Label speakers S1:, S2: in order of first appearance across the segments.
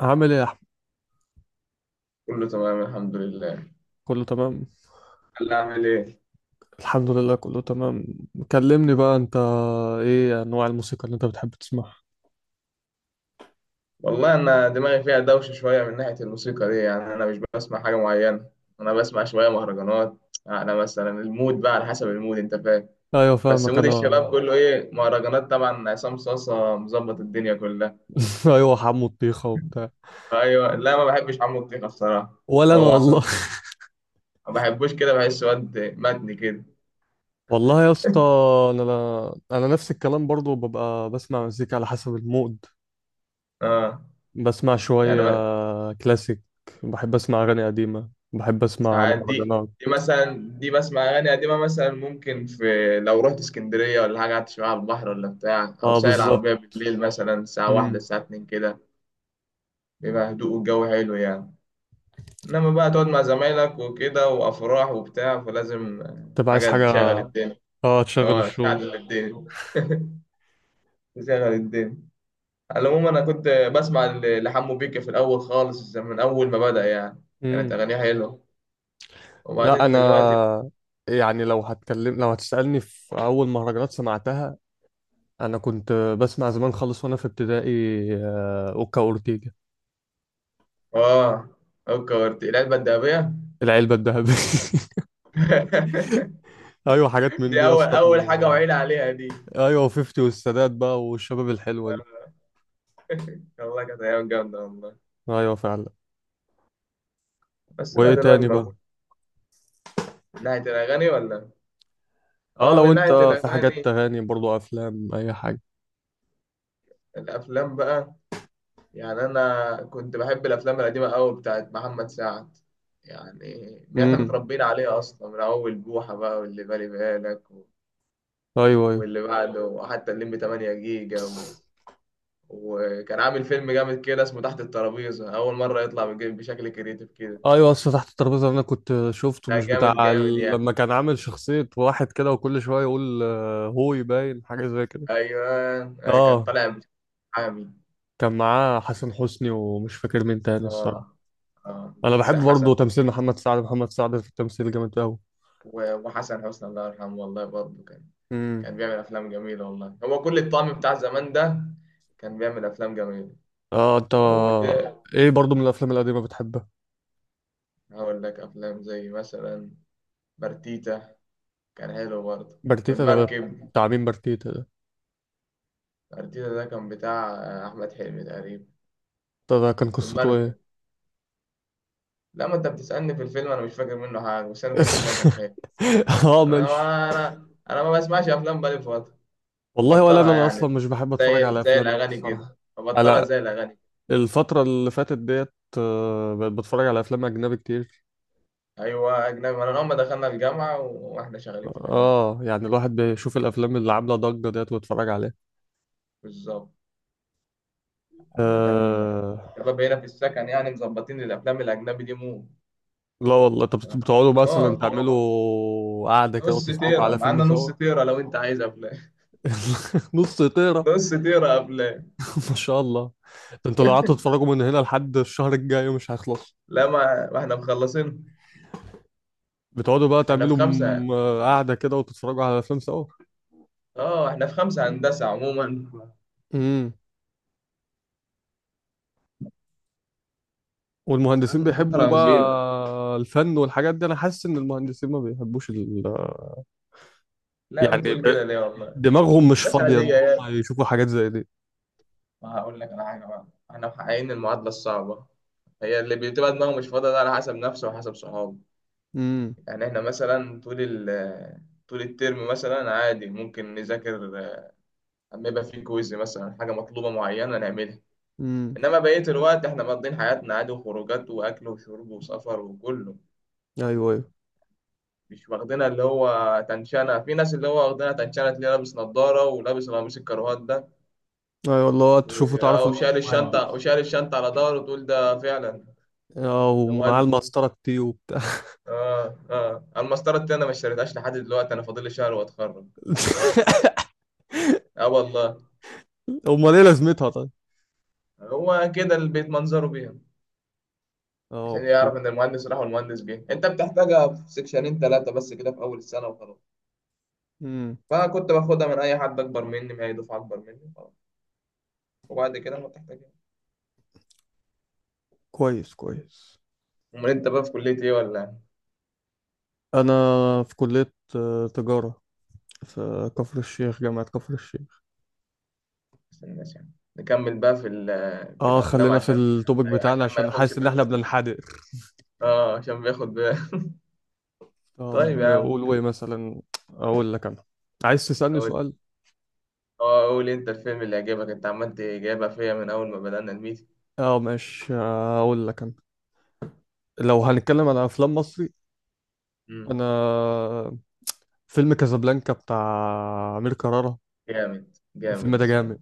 S1: عامل ايه يا احمد؟
S2: كله تمام الحمد لله.
S1: كله تمام
S2: هلا اعمل ايه؟
S1: الحمد لله. كله تمام. كلمني بقى انت، ايه انواع الموسيقى اللي انت بتحب تسمعها؟
S2: والله انا دماغي فيها دوشه شويه من ناحيه الموسيقى دي، يعني انا مش بسمع حاجه معينه. انا بسمع شويه مهرجانات. انا مثلا المود بقى على حسب المود، انت فاهم.
S1: ايوه
S2: بس
S1: فاهمك
S2: مود
S1: انا.
S2: الشباب كله ايه، مهرجانات، طبعا عصام صاصا مظبط الدنيا كلها.
S1: ايوه حمو الطيخه وبتاع.
S2: ايوه، لا ما بحبش عمرو دياب الصراحه.
S1: ولا انا
S2: هو عصام
S1: والله.
S2: صاصا ما بحبوش كده، بحس واد متني كده.
S1: والله يا اسطى، انا نفس الكلام برضو، ببقى بسمع مزيكا على حسب المود.
S2: اه
S1: بسمع
S2: يعني
S1: شويه كلاسيك، بحب اسمع اغاني قديمه، بحب اسمع
S2: ساعات دي.
S1: مهرجانات.
S2: دي مثلا دي بسمع أغاني قديمة مثلا، ممكن في لو رحت اسكندرية ولا حاجة، قعدت شوية على البحر ولا بتاع، أو
S1: اه
S2: سايق
S1: بالظبط.
S2: العربية بالليل مثلا الساعة واحدة
S1: امم
S2: الساعة اتنين كده، بيبقى هدوء والجو حلو يعني. إنما بقى تقعد مع زمايلك وكده وأفراح وبتاع فلازم
S1: تبقى عايز
S2: حاجة
S1: حاجه.
S2: تشغل الدنيا.
S1: اه تشغل
S2: اه
S1: الشو.
S2: تشغل الدنيا، تشغل الدنيا. على العموم أنا كنت بسمع لحمو بيكا في الأول خالص، من أول ما بدأ يعني كانت أغانيه حلوة.
S1: لا
S2: وبعدين دلوقتي
S1: انا يعني، لو هتكلم، لو هتسألني في اول مهرجانات سمعتها، انا كنت بسمع زمان خالص وانا في ابتدائي. اوكا اورتيجا.
S2: اه، فكرت العلبة الذهبية
S1: العلبة الذهبية. ايوه حاجات من دي
S2: دي
S1: يا
S2: اول
S1: اسطى
S2: اول حاجه
S1: و...
S2: وعيل عليها دي.
S1: ايوه 50 والسادات بقى والشباب الحلوة دي.
S2: والله كانت ايام جامده والله.
S1: ايوه فعلا.
S2: بس
S1: وايه
S2: بقى دلوقتي
S1: تاني
S2: ما
S1: بقى؟
S2: أكون. من ناحيه الاغاني ولا؟
S1: اه
S2: اه
S1: لو
S2: من
S1: انت،
S2: ناحيه
S1: في حاجات
S2: الاغاني.
S1: تغاني برضو، افلام، اي حاجة؟
S2: الافلام بقى، يعني انا كنت بحب الافلام القديمه قوي بتاعت محمد سعد. يعني احنا
S1: امم
S2: متربيين عليها اصلا من اول بوحه بقى واللي بالي بالك و-
S1: ايوه.
S2: واللي بعده، وحتى الليمبي 8 جيجا
S1: ايوه.
S2: و... وكان عامل فيلم جامد كده اسمه تحت الترابيزه، اول مره يطلع بشكل كريتيف كده.
S1: ايوه، اصل تحت الترابيزه اللي انا كنت شفته
S2: لا
S1: مش بتاع
S2: جامد جامد
S1: ال...
S2: يعني.
S1: لما كان عامل شخصيه واحد كده وكل شويه يقول هو يباين حاجه زي كده.
S2: ايوه. أيوة، كان
S1: اه
S2: طالع بالحامي.
S1: كان معاه حسن حسني ومش فاكر مين تاني الصراحه.
S2: اه اه.
S1: انا
S2: س-
S1: بحب برضه
S2: حسن
S1: تمثيل محمد سعد، محمد سعد في التمثيل جامد قوي.
S2: وحسن حسني الله يرحمه، والله برضه كان
S1: امم
S2: كان بيعمل افلام جميله والله، هو كل الطعم بتاع زمان ده. كان بيعمل افلام جميله.
S1: اه انت،
S2: وده
S1: ايه برضه من الافلام القديمه بتحبها؟
S2: هقول لك افلام زي مثلا برتيتا، كان حلو برضه.
S1: برتيتا ده
S2: والمركب.
S1: بتاع مين؟ برتيتا ده؟
S2: برتيتا ده كان بتاع احمد حلمي تقريبا.
S1: ده ده كان قصته ايه؟
S2: والمركب. لما انت بتسالني في الفيلم انا مش فاكر منه حاجه، بس انا فاكر ان هو كان حلو.
S1: اه ماشي.
S2: انا ما بسمعش افلام بقالي فتره.
S1: والله ولا انا،
S2: مبطلها
S1: انا اصلا
S2: يعني،
S1: مش بحب اتفرج
S2: زي
S1: على
S2: زي
S1: افلام قوي
S2: الأغاني
S1: الصراحه.
S2: كده، مبطلها
S1: على
S2: زي الأغاني.
S1: الفترة اللي فاتت ديت بقيت بتفرج على أفلام أجنبي كتير.
S2: أيوة أجنبي، من أول ما دخلنا الجامعة وإحنا شغالين في الأجنبي.
S1: اه يعني الواحد بيشوف الأفلام اللي عاملة ضجة ديت ويتفرج عليها.
S2: بالظبط، عادة.
S1: آه،
S2: الشباب هنا في السكن يعني مظبطين الأفلام الأجنبي دي مو.
S1: لا والله، طب بتقعدوا مثلا
S2: آه.
S1: تعملوا قعدة كده
S2: نص
S1: وتتفرجوا
S2: تيرة
S1: على فيلم
S2: معانا،
S1: سوا؟
S2: نص تيرة لو أنت عايز أفلام.
S1: نص طيرة.
S2: نص تيرة أفلام.
S1: ما شاء الله، ده انتوا لو قعدتوا تتفرجوا من هنا لحد الشهر الجاي مش هيخلص.
S2: لا ما إحنا مخلصين.
S1: بتقعدوا بقى
S2: إحنا في
S1: تعملوا
S2: خمسة.
S1: م- قعدة كده وتتفرجوا على أفلام سوا.
S2: آه إحنا في خمسة هندسة عموما.
S1: امم والمهندسين
S2: بقالنا
S1: بيحبوا
S2: فترة كبيرة.
S1: بقى الفن والحاجات دي؟ انا حاسس ان المهندسين ما بيحبوش ال...
S2: لا
S1: يعني
S2: بتقول
S1: ب-
S2: كده ليه والله،
S1: دماغهم مش
S2: مش
S1: فاضية ان
S2: عادية
S1: هم
S2: يعني.
S1: يشوفوا حاجات زي دي.
S2: ما هقول لك على حاجة بقى، احنا محققين المعادلة الصعبة. هي اللي بتبقى دماغه مش فاضية ده على حسب نفسه وحسب صحابه.
S1: امم
S2: يعني احنا مثلا طول الترم مثلا عادي ممكن نذاكر، لما يبقى في كويز مثلا حاجة مطلوبة معينة نعملها،
S1: امم
S2: انما بقية الوقت احنا مقضيين حياتنا عادي وخروجات واكل وشرب وسفر وكله.
S1: ايوه. ايوه.
S2: مش واخدينها اللي هو تنشنة، في ناس اللي هو واخدينها تنشنة تلاقيه لابس نضارة ولابس قميص الكروات ده
S1: ايوه والله، وقت تشوفه تعرف انه
S2: وشايل الشنطة
S1: مهندس.
S2: وشايل الشنطة على ظهره، تقول ده فعلا
S1: اه
S2: ده
S1: ومعاه
S2: مهندس.
S1: المسطرة التي وبتاع.
S2: اه اه، المسطره التانية ما اشتريتهاش لحد دلوقتي، انا فاضل لي شهر واتخرج. اه والله.
S1: امال ايه لازمتها طيب؟
S2: هو كده البيت منظره بيها،
S1: اه
S2: عشان
S1: اوكي.
S2: يعرف ان المهندس راح والمهندس جه. انت بتحتاجها في سكشنين ثلاثه بس كده في اول السنه وخلاص،
S1: امم
S2: فكنت باخدها من اي حد اكبر مني، من اي دفعه اكبر مني وخلاص، وبعد كده ما بتحتاجها.
S1: كويس كويس.
S2: امال انت بقى في كليه ايه ولا إيه؟
S1: انا في كلية تجارة، في كفر الشيخ، جامعة كفر الشيخ.
S2: عشان الناس يعني نكمل بقى في في
S1: اه
S2: الافلام،
S1: خلينا في
S2: عشان
S1: التوبيك
S2: ما-
S1: بتاعنا
S2: عشان ما
S1: عشان
S2: ياخدش
S1: حاسس ان احنا
S2: باله ولا إيه؟
S1: بننحدر.
S2: اه عشان بياخد باله.
S1: طب
S2: طيب يا عم.
S1: نقول ايه مثلا؟ اقول لك انا، عايز تسألني سؤال؟
S2: اه قول انت الفيلم اللي عجبك، انت عمال تجيبها فيا من اول ما بدأنا الميتنج.
S1: اه ماشي اقول لك انا، لو هنتكلم على افلام مصري،
S2: امم.
S1: انا فيلم كازابلانكا بتاع امير كرارة،
S2: جامد جامد
S1: الفيلم ده
S2: الصراحة.
S1: جامد.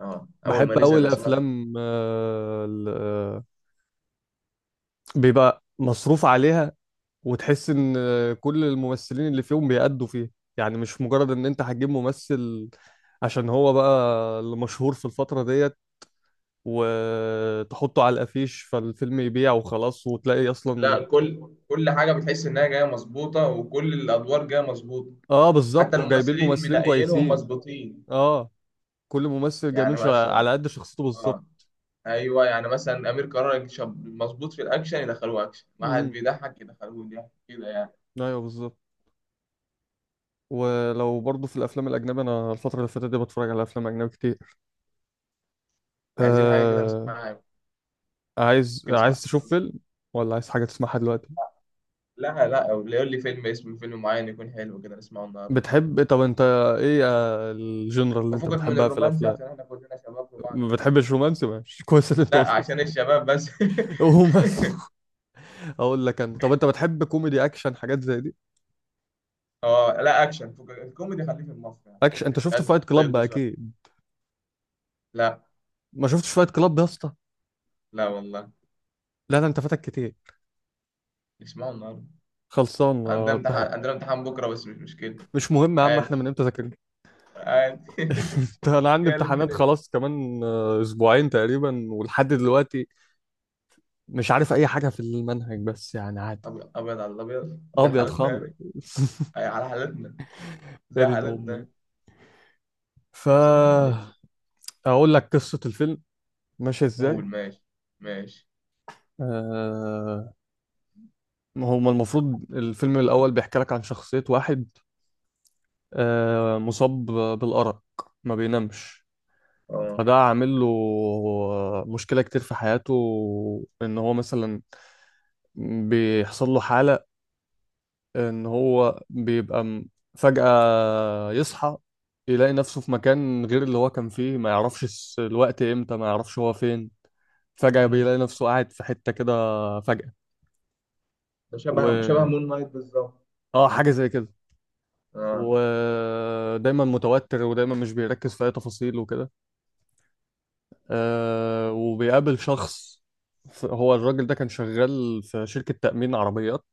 S2: اه اول ما
S1: بحب قوي
S2: نزل انا سمعت.
S1: الافلام بيبقى مصروف عليها، وتحس ان كل الممثلين اللي فيهم بيأدوا فيه. يعني مش مجرد ان انت هتجيب ممثل عشان هو بقى اللي مشهور في الفترة ديت وتحطه على الافيش فالفيلم يبيع وخلاص وتلاقي اصلا.
S2: لا كل حاجة بتحس انها جاية مظبوطة وكل الادوار جاية مظبوطة.
S1: اه
S2: حتى
S1: بالظبط، وجايبين
S2: الممثلين
S1: ممثلين
S2: منقيينهم
S1: كويسين.
S2: مظبوطين.
S1: اه كل ممثل جايبين
S2: يعني
S1: شا...
S2: مثلا،
S1: على قد شخصيته
S2: اه
S1: بالظبط.
S2: ايوه يعني مثلا امير كرارة شاب مظبوط في الاكشن يدخلوه اكشن، واحد
S1: امم
S2: بيضحك يدخلوه ضحك كده يعني.
S1: ايوه بالظبط. ولو برضه في الافلام الاجنبي، انا الفتره اللي فاتت دي بتفرج على افلام اجنبي كتير.
S2: عايزين حاجة كده
S1: آه...
S2: نسمعها،
S1: عايز،
S2: ممكن
S1: عايز
S2: نسمعها.
S1: تشوف فيلم، ولا عايز حاجه تسمعها دلوقتي؟
S2: لا لا، أو يقول لي فيلم، اسم فيلم معين يكون حلو كده نسمعه النهارده.
S1: بتحب، طب انت ايه الجنرال اللي انت
S2: وفكك من
S1: بتحبها في
S2: الرومانسي
S1: الافلام؟
S2: عشان احنا كلنا شباب في بعض
S1: ما
S2: ف...
S1: بتحبش رومانسي ماشي. كويس اللي انت
S2: لا
S1: قلت.
S2: عشان الشباب بس.
S1: رومانسي. اقول لك انا، طب انت بتحب كوميدي، اكشن، حاجات زي دي؟
S2: اه لا اكشن، فكك الكوميدي خليه في المصري عشان
S1: اكشن، انت
S2: الافيهات
S1: شفته فايت
S2: بتضيع
S1: كلاب
S2: بسرعه.
S1: اكيد.
S2: لا
S1: ما شفتش فايت كلاب يا اسطى؟
S2: لا والله،
S1: لا لا انت فاتك كتير.
S2: نسمعه النهارده.
S1: خلصان،
S2: عندنا
S1: امتحان.
S2: امتحان، عندنا امتحان بكره بس مش مشكله.
S1: مش مهم يا عم، احنا
S2: عادي.
S1: من امتى ذاكرنا؟
S2: عادي
S1: انت، انا عندي
S2: هي
S1: امتحانات
S2: الامتحان
S1: خلاص كمان اسبوعين تقريبا ولحد دلوقتي مش عارف اي حاجه في المنهج، بس يعني عادي.
S2: أبيض أبيض، على الأبيض زي
S1: ابيض
S2: حالتنا
S1: خالص.
S2: يعني. أي على حالتنا،
S1: يا
S2: زي
S1: دين امي.
S2: حالتنا.
S1: ف
S2: بس بتعدي الحال.
S1: اقول لك قصه الفيلم ماشيه
S2: قول
S1: ازاي.
S2: ماشي. ماشي.
S1: آه، ما هو المفروض الفيلم الاول بيحكي لك عن شخصيه واحد مصاب بالأرق، ما بينامش.
S2: اه.
S1: فده عامل له مشكلة كتير في حياته. إن هو مثلا بيحصل له حالة إن هو فجأة يصحى يلاقي نفسه في مكان غير اللي هو كان فيه، ما يعرفش الوقت إمتى، ما يعرفش هو فين. فجأة
S2: مم.
S1: بيلاقي نفسه قاعد في حتة كده، فجأة.
S2: ده شبه
S1: و
S2: مون نايت بالظبط.
S1: آه، حاجة زي كده.
S2: اه
S1: ودايما متوتر ودايما مش بيركز في أي تفاصيل وكده. آه وبيقابل شخص. هو الراجل ده كان شغال في شركة تأمين عربيات،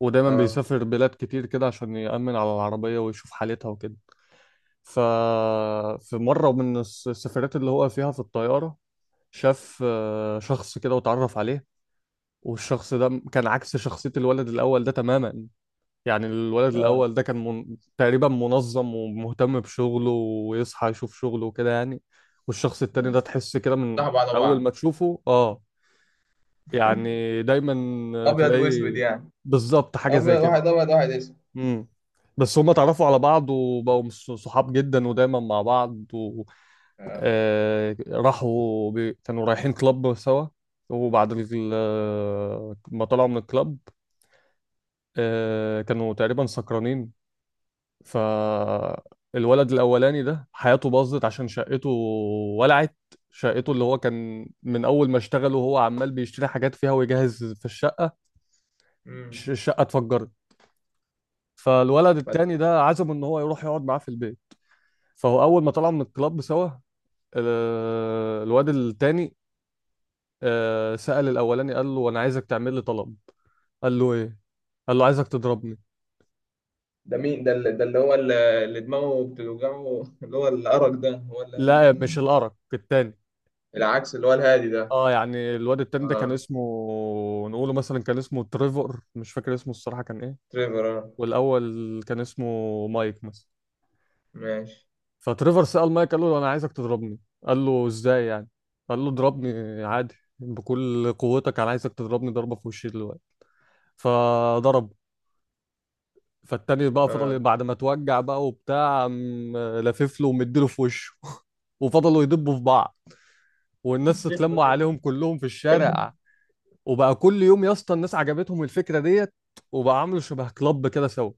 S1: ودايما
S2: اه
S1: بيسافر بلاد كتير كده عشان يأمن على العربية ويشوف حالتها وكده. ففي مرة من السفرات اللي هو فيها في الطيارة شاف شخص كده واتعرف عليه. والشخص ده كان عكس شخصية الولد الأول ده تماما. يعني الولد
S2: اه.
S1: الأول ده كان من... تقريبا منظم ومهتم بشغله ويصحى يشوف شغله وكده يعني. والشخص التاني ده تحس كده من
S2: صح بعض
S1: آه. أول
S2: بعض.
S1: ما تشوفه، اه يعني دايما
S2: ابيض
S1: تلاقي.
S2: واسود يعني.
S1: بالظبط حاجة زي
S2: ابيض
S1: كده.
S2: واحد، ابيض واحد اسود.
S1: امم بس هما اتعرفوا على بعض وبقوا صحاب جدا ودايما مع بعض و...
S2: آه.
S1: آه... راحوا ب... كانوا رايحين كلاب سوا، وبعد ال... ما طلعوا من الكلاب آه... كانوا تقريبا سكرانين. فالولد الأولاني ده حياته باظت عشان شقته ولعت. شقته اللي هو كان من أول ما اشتغل وهو عمال بيشتري حاجات فيها ويجهز في الشقة.
S2: امم.
S1: الشقة اتفجرت. فالولد
S2: فت-
S1: التاني ده عزمه ان هو يروح يقعد معاه في البيت. فهو اول ما طلعوا من الكلاب سوا، الواد التاني سأل الاولاني، قال له انا عايزك تعمل لي طلب. قال له ايه؟ قال له عايزك تضربني.
S2: ده مين ده اللي، ده اللي هو اللي دماغه بتوجعه اللي هو الارق ده، هو اللي قال
S1: لا
S2: التاني؟
S1: مش الارك التاني.
S2: العكس اللي هو الهادي ده.
S1: اه يعني الواد التاني ده كان
S2: اه
S1: اسمه، نقوله مثلا كان اسمه تريفور، مش فاكر اسمه الصراحة كان ايه.
S2: تريفر اه.
S1: والاول كان اسمه مايك مثلا.
S2: ماشي.
S1: فتريفر سأل مايك، قال له انا عايزك تضربني. قال له ازاي يعني؟ قال له اضربني عادي بكل قوتك، انا عايزك تضربني ضربة في وشي دلوقتي. فضرب. فالتاني بقى فضل
S2: اه.
S1: بعد ما اتوجع بقى وبتاع، قام لافف له ومديله في وشه. وفضلوا يدبوا في بعض، والناس
S2: سخنه
S1: اتلموا
S2: كده
S1: عليهم كلهم في الشارع. وبقى كل يوم يا اسطى الناس عجبتهم الفكرة ديت، وبقى عملوا شبه كلاب كده سوا،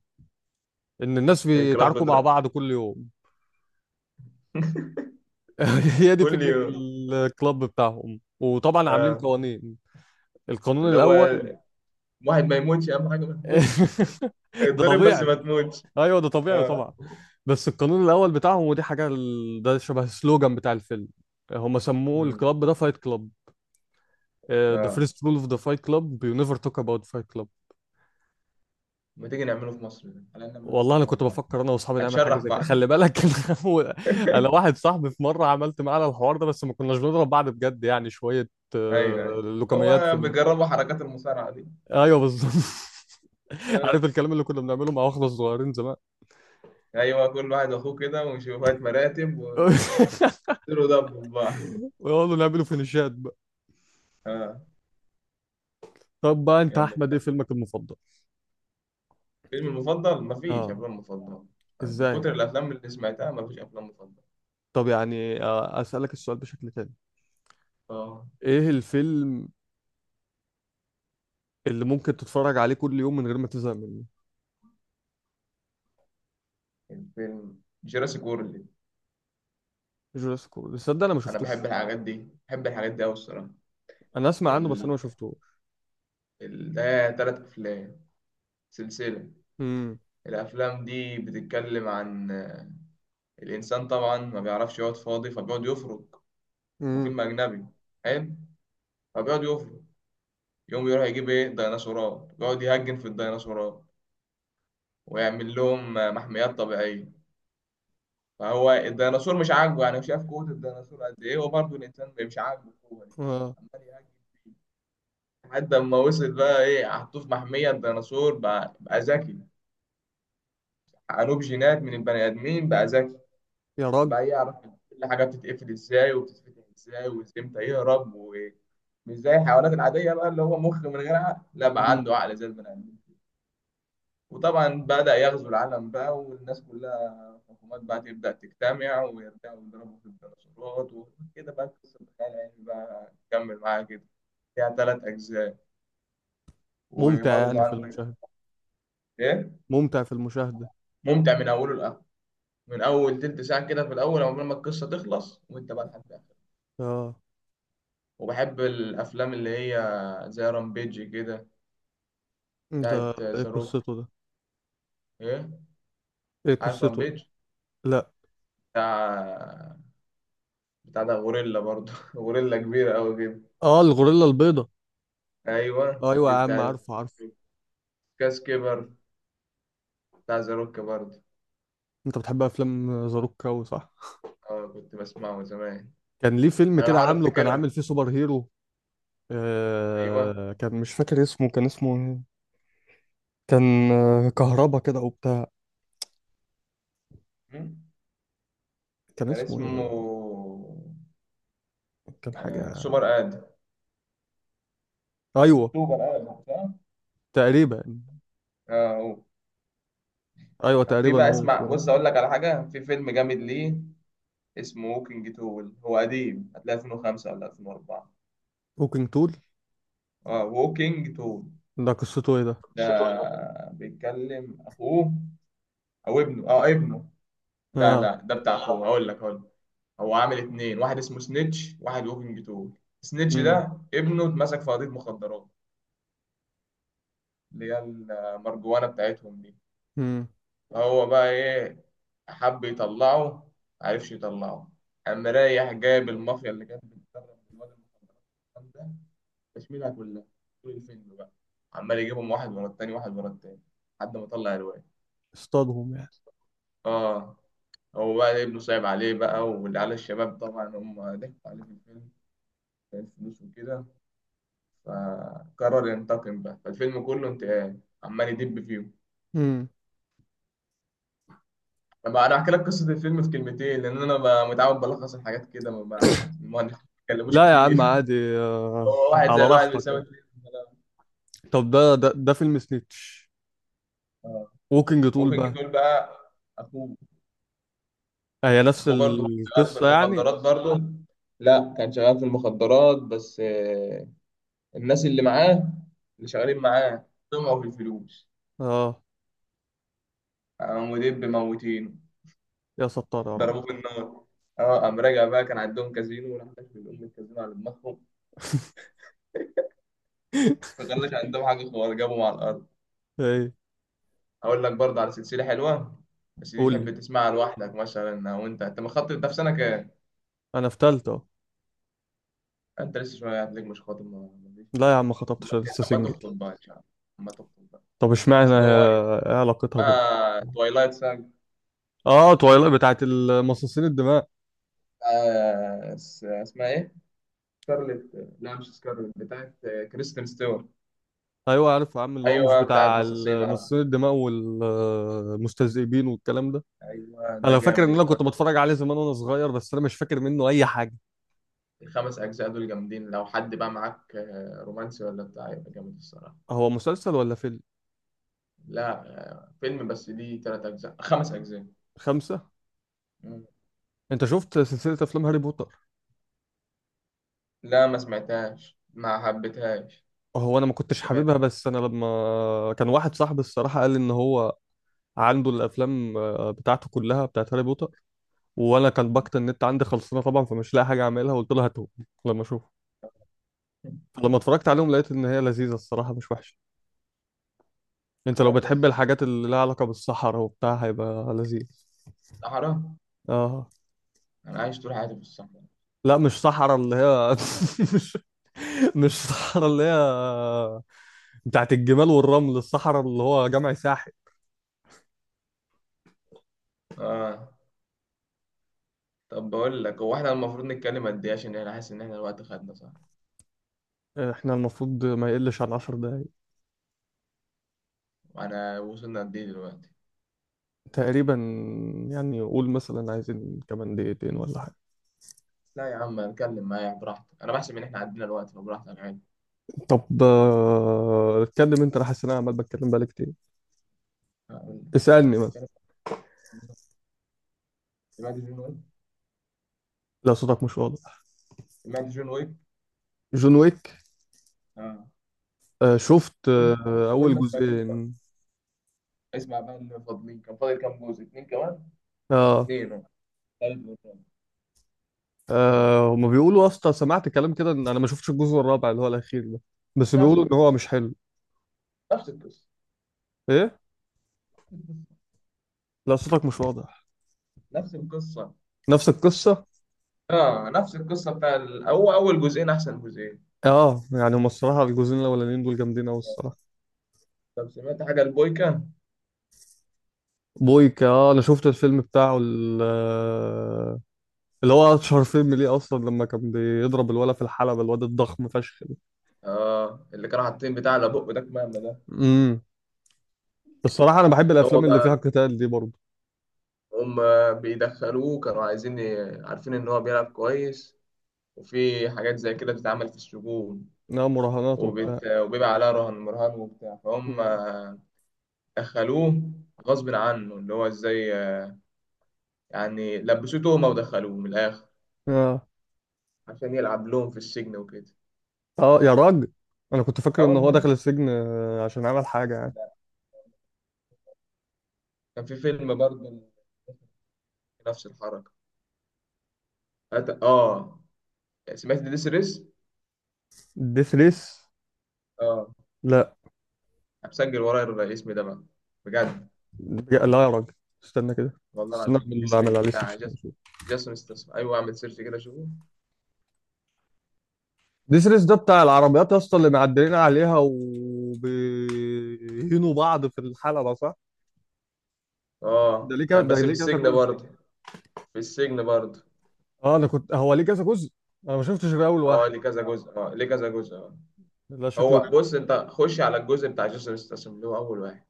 S1: ان الناس
S2: اكرام
S1: بيتعاركوا مع
S2: بضرب.
S1: بعض كل يوم. هي دي
S2: كل
S1: فكرة
S2: يوم.
S1: الكلاب بتاعهم، وطبعا عاملين
S2: اه
S1: قوانين. القانون
S2: اللي هو
S1: الاول.
S2: واحد ما يموتش، اهم حاجه ما يموتش.
S1: ده
S2: اتضرب بس
S1: طبيعي.
S2: ما تموتش.
S1: ايوه ده طبيعي طبعا.
S2: اه.
S1: بس القانون الاول بتاعهم، ودي حاجه ده شبه السلوجان بتاع الفيلم، هم سموه
S2: امم.
S1: الكلاب ده فايت كلاب. ذا
S2: اه.
S1: فيرست رول اوف ذا فايت كلاب، يو نيفر توك اباوت فايت كلاب.
S2: ما تيجي نعمله في مصر ده، على ان لما الناس
S1: والله انا
S2: هتموت
S1: كنت
S2: بعض.
S1: بفكر انا واصحابي نعمل حاجه
S2: هتشرح
S1: زي كده،
S2: بعض.
S1: خلي بالك. هو- انا واحد صاحبي في مره عملت معانا الحوار ده، بس ما كناش بنضرب بعض بجد، يعني شويه
S2: ايوه ايوه.
S1: لوكميات في
S2: هو
S1: ال...
S2: بيجربوا حركات المصارعه دي.
S1: ايوه بالظبط. عارف
S2: آه.
S1: الكلام اللي كنا بنعمله مع واخده صغيرين زمان.
S2: ايوه كل واحد اخوه كده وشوية مراتب ويصيروا، دبوا بقى.
S1: ويقعدوا نعملوا فينيشات بقى.
S2: اه.
S1: طب بقى انت
S2: كمل
S1: احمد، ايه
S2: بقى.
S1: فيلمك المفضل؟
S2: فيلم المفضل، مفيش
S1: اه،
S2: افلام مفضله. من
S1: ازاي يعني؟
S2: كتر الافلام اللي سمعتها مفيش افلام مفضله.
S1: طب يعني اسالك السؤال بشكل تاني،
S2: اه.
S1: ايه الفيلم اللي ممكن تتفرج عليه كل يوم من غير ما تزهق منه؟
S2: الفيلم جوراسيك وورلد.
S1: جوراسيك وورلد؟ تصدق انا ما
S2: انا بحب
S1: شفتوش.
S2: الحاجات دي، بحب الحاجات دي قوي الصراحه.
S1: انا اسمع عنه بس انا
S2: ال...
S1: ما شفتوش.
S2: ده تلات افلام، سلسله.
S1: امم
S2: الافلام دي بتتكلم عن الانسان طبعا ما بيعرفش يقعد فاضي فبيقعد يفرك.
S1: امم
S2: وفيلم اجنبي حلو. فبيقعد يفرق، يقوم يروح يجيب ايه ديناصورات، يقعد يهجن في الديناصورات، ويعمل لهم محميات طبيعية. فهو الديناصور مش عاجبه، يعني شاف قوة الديناصور قد ايه، وبرضه الإنسان مش عاجبه القوة دي،
S1: اه
S2: عمال يهجن فيه. لحد ما وصل بقى ايه، حطوه في محمية الديناصور بقى، بقى ذكي. عنوب جينات من البني آدمين بقى ذكي،
S1: يا راجل.
S2: بقى يعرف كل حاجة بتتقفل ازاي وبتتفتح ازاي وازاي امتى يهرب. ومش زي الحيوانات العادية بقى اللي هو مخ من غير عقل، لا بقى
S1: امم
S2: عنده عقل زي البني آدمين. وطبعا بدأ يغزو العالم بقى، والناس كلها الحكومات بقى تبدأ تجتمع ويرجعوا يضربوا في الديناصورات وكده، بقى قصة الخيال العلمي بقى تكمل معاها كده. فيها تلات أجزاء.
S1: ممتع
S2: وبرضه
S1: يعني في
S2: عندك.
S1: المشاهده؟
S2: إيه.
S1: ممتع في المشاهده.
S2: ممتع من أوله لآخره، من أول تلت ساعة كده في الأول عقبال ما القصة تخلص، وأنت بقى لحد آخر.
S1: اه
S2: وبحب الأفلام اللي هي زي رامبيج كده،
S1: ده،
S2: بتاعت
S1: ايه
S2: ذا روك.
S1: قصته ده؟
S2: إيه.
S1: ايه
S2: عارف
S1: قصته ده؟
S2: رامبيج.
S1: لا.
S2: بتاع بتاع ده غوريلا برضه غوريلا كبيرة أوي كده.
S1: اه الغوريلا البيضاء.
S2: ايوه
S1: ايوه
S2: دي
S1: يا عم
S2: بتاع.
S1: عارفه عارفه.
S2: كاس كبر، بتاع ذا روك برضه.
S1: انت بتحب افلام زاروكا صح؟
S2: اه كنت بسمعه زمان.
S1: كان ليه فيلم
S2: انا
S1: كده
S2: بحاول
S1: عامله، كان
S2: افتكرها.
S1: عامل فيه سوبر هيرو،
S2: ايوه.
S1: آه كان مش فاكر اسمه، كان اسمه إيه؟ كان كهربا كده او بتاع.
S2: مم.
S1: كان
S2: كان
S1: اسمه
S2: اسمه
S1: إيه؟ كان حاجة،
S2: سوبر اد،
S1: ايوه
S2: سوبر ادم صح؟
S1: تقريبا.
S2: اه هو.
S1: ايوه
S2: كان في
S1: تقريبا
S2: بقى،
S1: هو
S2: اسمع
S1: اسمه ده.
S2: بص اقول لك على حاجه، في فيلم جامد ليه اسمه ووكينج تول. هو قديم هتلاقيه 2005 ولا 2004.
S1: ووكينج تول.
S2: اه ووكينج تول.
S1: ده قصته ايه ده؟
S2: ده بيتكلم اخوه، او ابنه، اه ابنه. لا
S1: اه.
S2: لا ده بتاع اخوه، هقول لك. هو عامل اتنين، واحد اسمه سنيتش واحد ووكينج تول. سنيتش
S1: امم
S2: ده ابنه اتمسك في قضية مخدرات، اللي هي المرجوانة بتاعتهم دي.
S1: امم
S2: فهو بقى ايه، حب يطلعه، معرفش يطلعه. قام رايح جايب المافيا اللي كانت بتدرب الواد المخدرات والكلام ده، تشميلها كلها طول الفيلم بقى، عمال يجيبهم واحد ورا التاني، واحد ورا التاني، لحد ما طلع الواد.
S1: اصطادهم يعني.
S2: اه. هو بقى ابنه صعب عليه بقى، والعيال الشباب طبعا هم ضحكوا عليه في الفيلم، كان فلوس وكده، فقرر ينتقم بقى، فالفيلم كله انتقام عمال يدب فيهم.
S1: امم
S2: طب انا احكي لك قصه الفيلم في كلمتين لان انا متعود بلخص الحاجات كده، ما بنتكلموش
S1: لا يا
S2: كتير.
S1: عم عادي. آه.
S2: هو واحد
S1: على
S2: زائد واحد
S1: راحتك
S2: بيساوي
S1: يعني.
S2: اتنين.
S1: طب ده ده ده فيلم سنيتش.
S2: آه.
S1: ووكينج تول
S2: ممكن
S1: بقى،
S2: جدول بقى. اخوه،
S1: هي نفس
S2: اخوه برضه كان شغال في
S1: القصة يعني؟
S2: المخدرات برضه. لا كان شغال في المخدرات بس الناس اللي معاه، اللي شغالين معاه طمعوا في الفلوس.
S1: اه.
S2: قاموا دب موتينه،
S1: يا ستار يا رب.
S2: ضربوه بالنار. اه قام راجع بقى، كان عندهم كازينو وراح داخل الام الكازينو على دماغهم، ما كانش عندهم حاجه خالص، جابهم على الارض.
S1: ايه؟
S2: اقول لك برضه على سلسله حلوه، بس دي
S1: قول
S2: تحب
S1: لي.
S2: تسمعها لوحدك مثلا، او انت مخطب، ده في سنه كام؟
S1: انا في تالتة أهو.
S2: انت لسه شويه هتلاقيك مش خاطب، ما ما فيش.
S1: لا يا عم ما
S2: اما
S1: خطبتش، أنا لسه
S2: أما
S1: سنجل.
S2: تخطب بقى ان شاء الله، اما تخطب بقى.
S1: طب اشمعنى
S2: سنو وايت،
S1: ايه علاقتها بال؟
S2: آه توايلايت ساج.
S1: اه تويلايت بتاعت المصاصين الدماء.
S2: آه اسمها ايه؟ سكارلت، لا مش سكارلت، بتاعت كريستين ستيوارت.
S1: ايوه عارف يا عم، اللي هو مش
S2: ايوه بتاعت
S1: بتاع
S2: مصاصينا.
S1: المصاصين الدماء والمستذئبين والكلام ده.
S2: ايوه ده
S1: انا فاكر
S2: جامد.
S1: ان انا كنت بتفرج عليه زمان وانا صغير، بس انا مش فاكر منه اي حاجه.
S2: الخمس أجزاء دول جامدين، لو حد بقى معاك رومانسي ولا بتاع، يبقى جامد الصراحة.
S1: هو مسلسل ولا فيلم؟
S2: لا فيلم، بس دي تلات أجزاء خمس أجزاء.
S1: خمسة.
S2: مم.
S1: انت شفت سلسله افلام هاري بوتر؟
S2: لا ما سمعتهاش ما حبيتهاش.
S1: هو انا ما كنتش
S2: سمعت.
S1: حاببها، بس انا لما كان واحد صاحبي الصراحه قال لي ان هو عنده الافلام بتاعته كلها بتاعت هاري بوتر، وانا كان باقة النت عندي خلصانه طبعا، فمش لاقي حاجه اعملها، قلت لها هاتهم لما اشوف. لما اتفرجت عليهم لقيت ان هي لذيذه الصراحه، مش وحشه. انت لو
S2: شوية
S1: بتحب
S2: بس كده.
S1: الحاجات اللي لها علاقه بالصحراء وبتاع هيبقى لذيذ.
S2: صحراء.
S1: اه.
S2: أنا عايش طول حياتي في الصحراء.
S1: لا مش صحراء اللي هي. مش مش صحراء اللي هي بتاعت الجمال والرمل، الصحراء اللي هو جمع ساحل.
S2: آه طب بقول لك، هو إحنا المفروض نتكلم قد إيه، عشان أنا حاسس إن إحنا الوقت خدنا صح.
S1: احنا المفروض ما يقلش عن عشر دقايق.
S2: وأنا وصلنا قد إيه دلوقتي؟
S1: تقريبا. يعني قول مثلا عايزين كمان دقيقتين ولا حاجه؟
S2: لا يا عم نتكلم، معايا براحتك، أنا بحسب إن إحنا عدينا الوقت، فبراحتك عادي.
S1: طب اتكلم انت، انا حاسس ان انا عمال بتكلم بقالي كتير.
S2: هقول
S1: اسالني.
S2: لك، سمعت جون ويك؟
S1: لا صوتك مش واضح.
S2: سمعت جون ويك.
S1: جون ويك؟
S2: آه.
S1: آه شفت
S2: قول
S1: آه
S2: قول
S1: اول
S2: ما سمعتوش بقى،
S1: جزئين.
S2: اسمع بقى اللي فاضلين، كان فاضل كام جزء، اتنين كمان.
S1: اه.
S2: اتنين آه، تالت والرابع. نعم.
S1: هما بيقولوا اصلا، سمعت كلام كده ان انا ما شفتش الجزء الرابع اللي هو الاخير ده، بس
S2: نفس
S1: بيقولوا ان هو
S2: القصه.
S1: مش حلو.
S2: نفس القصه.
S1: ايه؟ لا صوتك مش واضح.
S2: نفس القصه.
S1: نفس القصه.
S2: اه نفس القصه. بتاع ال- هو اول جزئين احسن جزئين.
S1: اه يعني هما الصراحه الجزئين الاولانيين دول جامدين قوي الصراحه.
S2: طب سمعت حاجه البويكا.
S1: بويكا، اه انا شفت الفيلم بتاعه اللي هو اشهر فيلم ليه اصلا، لما كان بيضرب الولا في الحلبه، الواد الضخم فشخ ده.
S2: اه اللي كانوا حاطين بتاع على بقه ده كمامه ده.
S1: امم الصراحه انا بحب
S2: اللي هو
S1: الافلام اللي فيها
S2: بقى،
S1: قتال دي برضه.
S2: هم بيدخلوه كانوا عايزين عارفين ان هو بيلعب كويس، وفي حاجات زي كده بتتعمل في السجون،
S1: انها مراهنات وبتاع.
S2: وبيبقى عليها رهن مرهن وبتاع، فهم دخلوه غصب عنه اللي هو ازاي، يعني لبسوه تهمة ودخلوه من الآخر
S1: اه.
S2: عشان يلعب لهم في السجن وكده.
S1: اه يا راجل. انا كنت فاكر
S2: اه
S1: ان هو
S2: والله.
S1: دخل السجن عشان عمل حاجه يعني.
S2: لا. كان في فيلم برضه نفس الحركة. أت- اه سمعت ديس ريس؟
S1: ديث ريس.
S2: اه
S1: لا.
S2: هسجل ورايا الاسم ده بقى، بجد.
S1: لا يا راجل، استنى كده.
S2: والله
S1: استنى
S2: العظيم
S1: اعمل،
S2: ديس
S1: اعمل
S2: ريس
S1: عليه سيرش
S2: بتاع
S1: كده اشوف.
S2: جاسون استسمع، ايوه اعمل سيرش كده شوفه.
S1: ديث ريس ده بتاع العربيات يا اسطى، اللي معدلين عليها وبيهينوا بعض في الحلبه صح؟ ده
S2: اه
S1: ليه كذا،
S2: كان
S1: ده
S2: بس في
S1: ليه كذا
S2: السجن
S1: جزء؟
S2: برضه، في السجن برضه.
S1: اه انا كنت، هو ليه كذا جزء؟ انا ما شفتش غير اول
S2: اه
S1: واحد.
S2: ليه كذا جزء، اه ليه كذا جزء، اه.
S1: لا شكله
S2: هو
S1: جامد.
S2: بص انت خش على الجزء بتاع جاسون استسمع اللي هو اول واحد.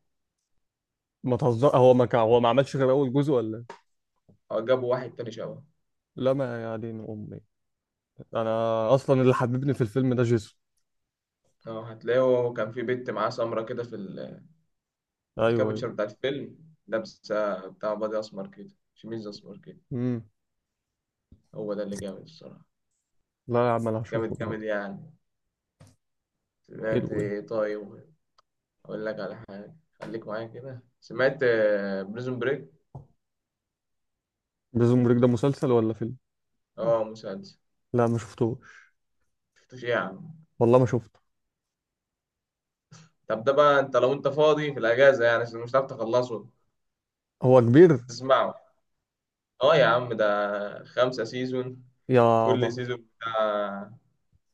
S1: ما تهزر، هو ما كان، هو ما عملش غير اول جزء ولا إيه؟
S2: اه جابوا واحد تاني شبهه.
S1: لا ما، يا دين امي، انا اصلا اللي حببني في الفيلم ده جيسون.
S2: اه هتلاقيه كان في بنت معاه سمرة كده في في
S1: ايوه ايوه.
S2: الكابتشر بتاعت الفيلم، لابسة بتاع بادي أسمر كده، شميز أسمر كده.
S1: امم
S2: هو ده اللي جامد الصراحة.
S1: لا يا عم انا هشوفه
S2: جامد جامد
S1: النهارده.
S2: يعني.
S1: حلو
S2: سمعت
S1: ده.
S2: إيه طيب؟ أقول لك على حاجة خليك معايا كده، سمعت بريزون بريك؟
S1: بريزون بريك ده مسلسل ولا فيلم؟
S2: اه مسلسل.
S1: لا ما شفتوش.
S2: شفتوش إيه يا عم؟
S1: والله ما شفته.
S2: طب ده بقى انت لو انت فاضي في الأجازة يعني عشان مش هتعرف تخلصه،
S1: هو كبير؟
S2: تسمعه. اه يا عم ده خمسة سيزون، كل
S1: يابا.
S2: سيزون بتاع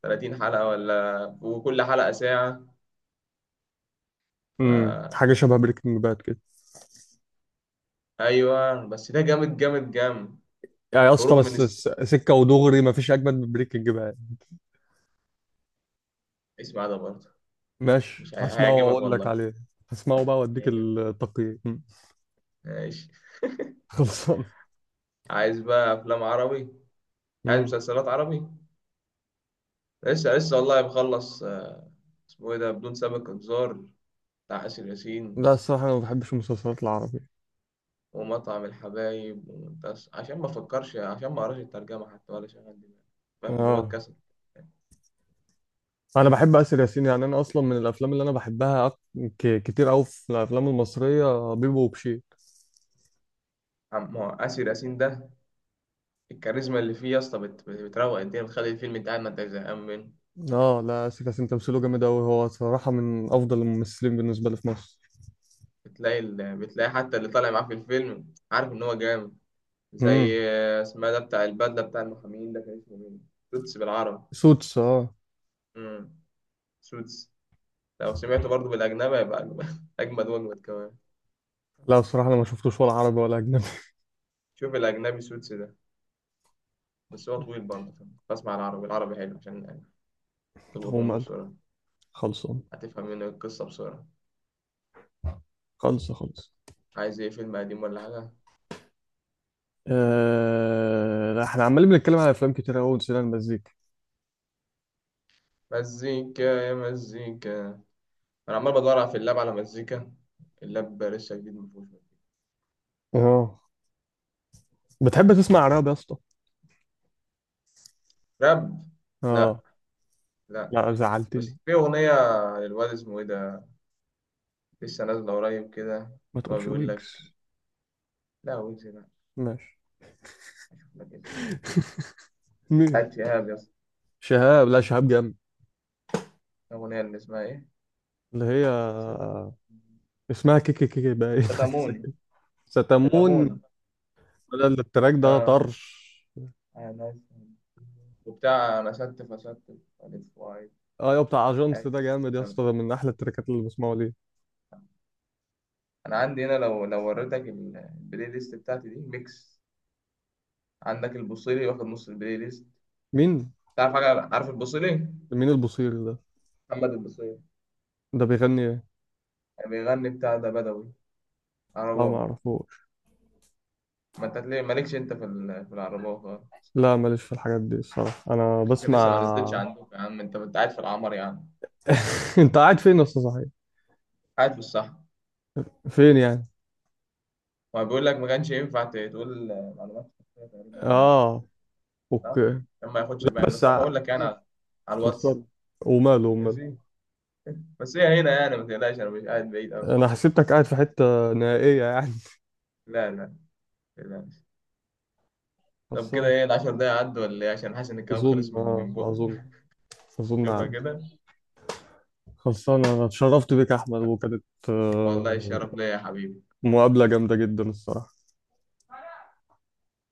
S2: 30 حلقة، ولا وكل حلقة ساعة. ف...
S1: حاجه شبه بريكنج باد كده
S2: أيوة بس ده جامد جامد جامد.
S1: يعني؟ اصلا
S2: هروب من
S1: بس
S2: السجن،
S1: سكه ودغري ما فيش اجمد من بريكنج باد.
S2: اسمع ده برضه،
S1: ماشي
S2: مش هي...
S1: هسمعه
S2: هيعجبك
S1: واقول لك
S2: والله.
S1: عليه. هسمعه بقى واديك
S2: هيعجبك.
S1: التقييم. مم.
S2: ماشي.
S1: خلصان.
S2: عايز بقى أفلام عربي، عايز
S1: امم
S2: مسلسلات عربي. لسه لسه والله بخلص اسمه إيه ده، بدون سابق إنذار بتاع آسر ياسين،
S1: لا الصراحه انا ما بحبش المسلسلات العربيه.
S2: ومطعم الحبايب ومنتص، عشان ما أفكرش عشان ما أقراش الترجمة حتى، ولا شغال دماغي فاهم، اللي هو
S1: اه
S2: الكسل.
S1: انا بحب اسر ياسين، يعني انا اصلا من الافلام اللي انا بحبها كتير قوي في الافلام المصريه بيبو وبشير.
S2: ما هو آسر ياسين ده الكاريزما اللي فيه يا اسطى، بتروق الدنيا، بتخلي الفيلم انت قاعد ما انت زهقان منه.
S1: اه لا آسر ياسين تمثيله جامد أوي، هو صراحة من أفضل الممثلين بالنسبة لي في مصر.
S2: بتلاقي حتى اللي طالع معاه في الفيلم عارف ان هو جامد.
S1: امم
S2: زي اسمها ده، بتاع البدله بتاع المحامين ده كان اسمه مين؟ سوتس بالعربي.
S1: سوتس اه.
S2: امم. سوتس. لو سمعته برضه بالاجنبي هيبقى اجمد اجمد واجمد كمان.
S1: لا الصراحة أنا ما شفتوش ولا عربي ولا أجنبي.
S2: شوف الاجنبي سوتس ده، بس هو طويل برضه فاهم، بسمع العربي، العربي حلو عشان تلقط
S1: هو
S2: منه
S1: مال.
S2: بسرعه،
S1: خلصان.
S2: هتفهم منه القصه بسرعه.
S1: خلص خلص.
S2: عايز ايه، فيلم قديم ولا حاجه؟
S1: آه... لا احنا عمالين بنتكلم على أفلام كتير أوي ونسينا المزيكا.
S2: مزيكا يا مزيكا. انا عمال بدور في اللاب على مزيكا، اللاب لسه جديد مفهوش.
S1: اه بتحب تسمع عربي يا اسطى؟
S2: راب. لا.
S1: اه.
S2: لا.
S1: لا
S2: بس
S1: زعلتني.
S2: في اغنيه للواد اسمه ايه ده، لسه نازله قريب كده،
S1: ما
S2: اللي هو
S1: تقولش
S2: بيقول لك.
S1: ويجز.
S2: لا ويجز لا.
S1: ماشي.
S2: اشوف لك اسمه.
S1: مين؟
S2: بتاعت شهاب يا اسطى.
S1: شهاب؟ لا شهاب جامد.
S2: الاغنيه اللي اسمها ايه؟
S1: اللي هي،
S2: صدق،
S1: اسمها كيكي، كيكي بقى، ايه، حاجة زي
S2: صدموني.
S1: كده. ستمون.
S2: صدموني.
S1: لا، التراك ده
S2: اه.
S1: طرش.
S2: انا. وبتاع انا ستف استف، الف واي.
S1: اه يا بتاع اجونس،
S2: أي.
S1: ده جامد يا
S2: تمام.
S1: اسطى، ده من احلى التراكات اللي بسمعه ليه.
S2: انا عندي هنا لو وريتك البلاي ليست بتاعتي دي ميكس، عندك البوصيري واخد نص البلاي ليست.
S1: مين؟
S2: تعرف حاجة، عارف البوصيلي؟
S1: مين البصير ده؟
S2: محمد البصيري.
S1: ده بيغني ايه؟
S2: بيغني بتاع ده بدوي،
S1: لا ما
S2: عرباوي.
S1: اعرفوش.
S2: ما انت ليه مالكش انت في في العرباوي خالص.
S1: لا ماليش في الحاجات دي الصراحه، انا
S2: يمكن لسه ما نزلتش
S1: بسمع.
S2: عندك يا عم، انت قاعد في العمر يا عم.
S1: انت قاعد فين يا اسطى صحيح؟
S2: قاعد في الصحراء.
S1: فين يعني؟
S2: وبيقول لك ما كانش ينفع تقول معلومات شخصية تقريبا عن البتاع.
S1: اه
S2: صح؟
S1: اوكي.
S2: عشان ما ياخدش باين،
S1: بس
S2: بس أنا
S1: ع-
S2: بقول لك يعني على، على
S1: خلصان.
S2: الواتس.
S1: وماله، وماله.
S2: ماشي. بس هي هنا يعني ما تقلقش، انا مش قاعد بعيد قوي.
S1: انا حسيتك قاعد في حته نهائيه يعني.
S2: لا لا. ما تقلقش. طب كده
S1: خلصان.
S2: ايه، العشر دقايق عدوا ولا ايه، عشان حاسس ان الكلام
S1: اظن،
S2: خلص من
S1: اه
S2: من بقى
S1: اظن. اظن
S2: شوفها
S1: عدوا.
S2: كده.
S1: خلصان، انا اتشرفت بيك يا احمد، وكانت
S2: والله الشرف ليا يا حبيبي.
S1: مقابله جامده جدا الصراحه.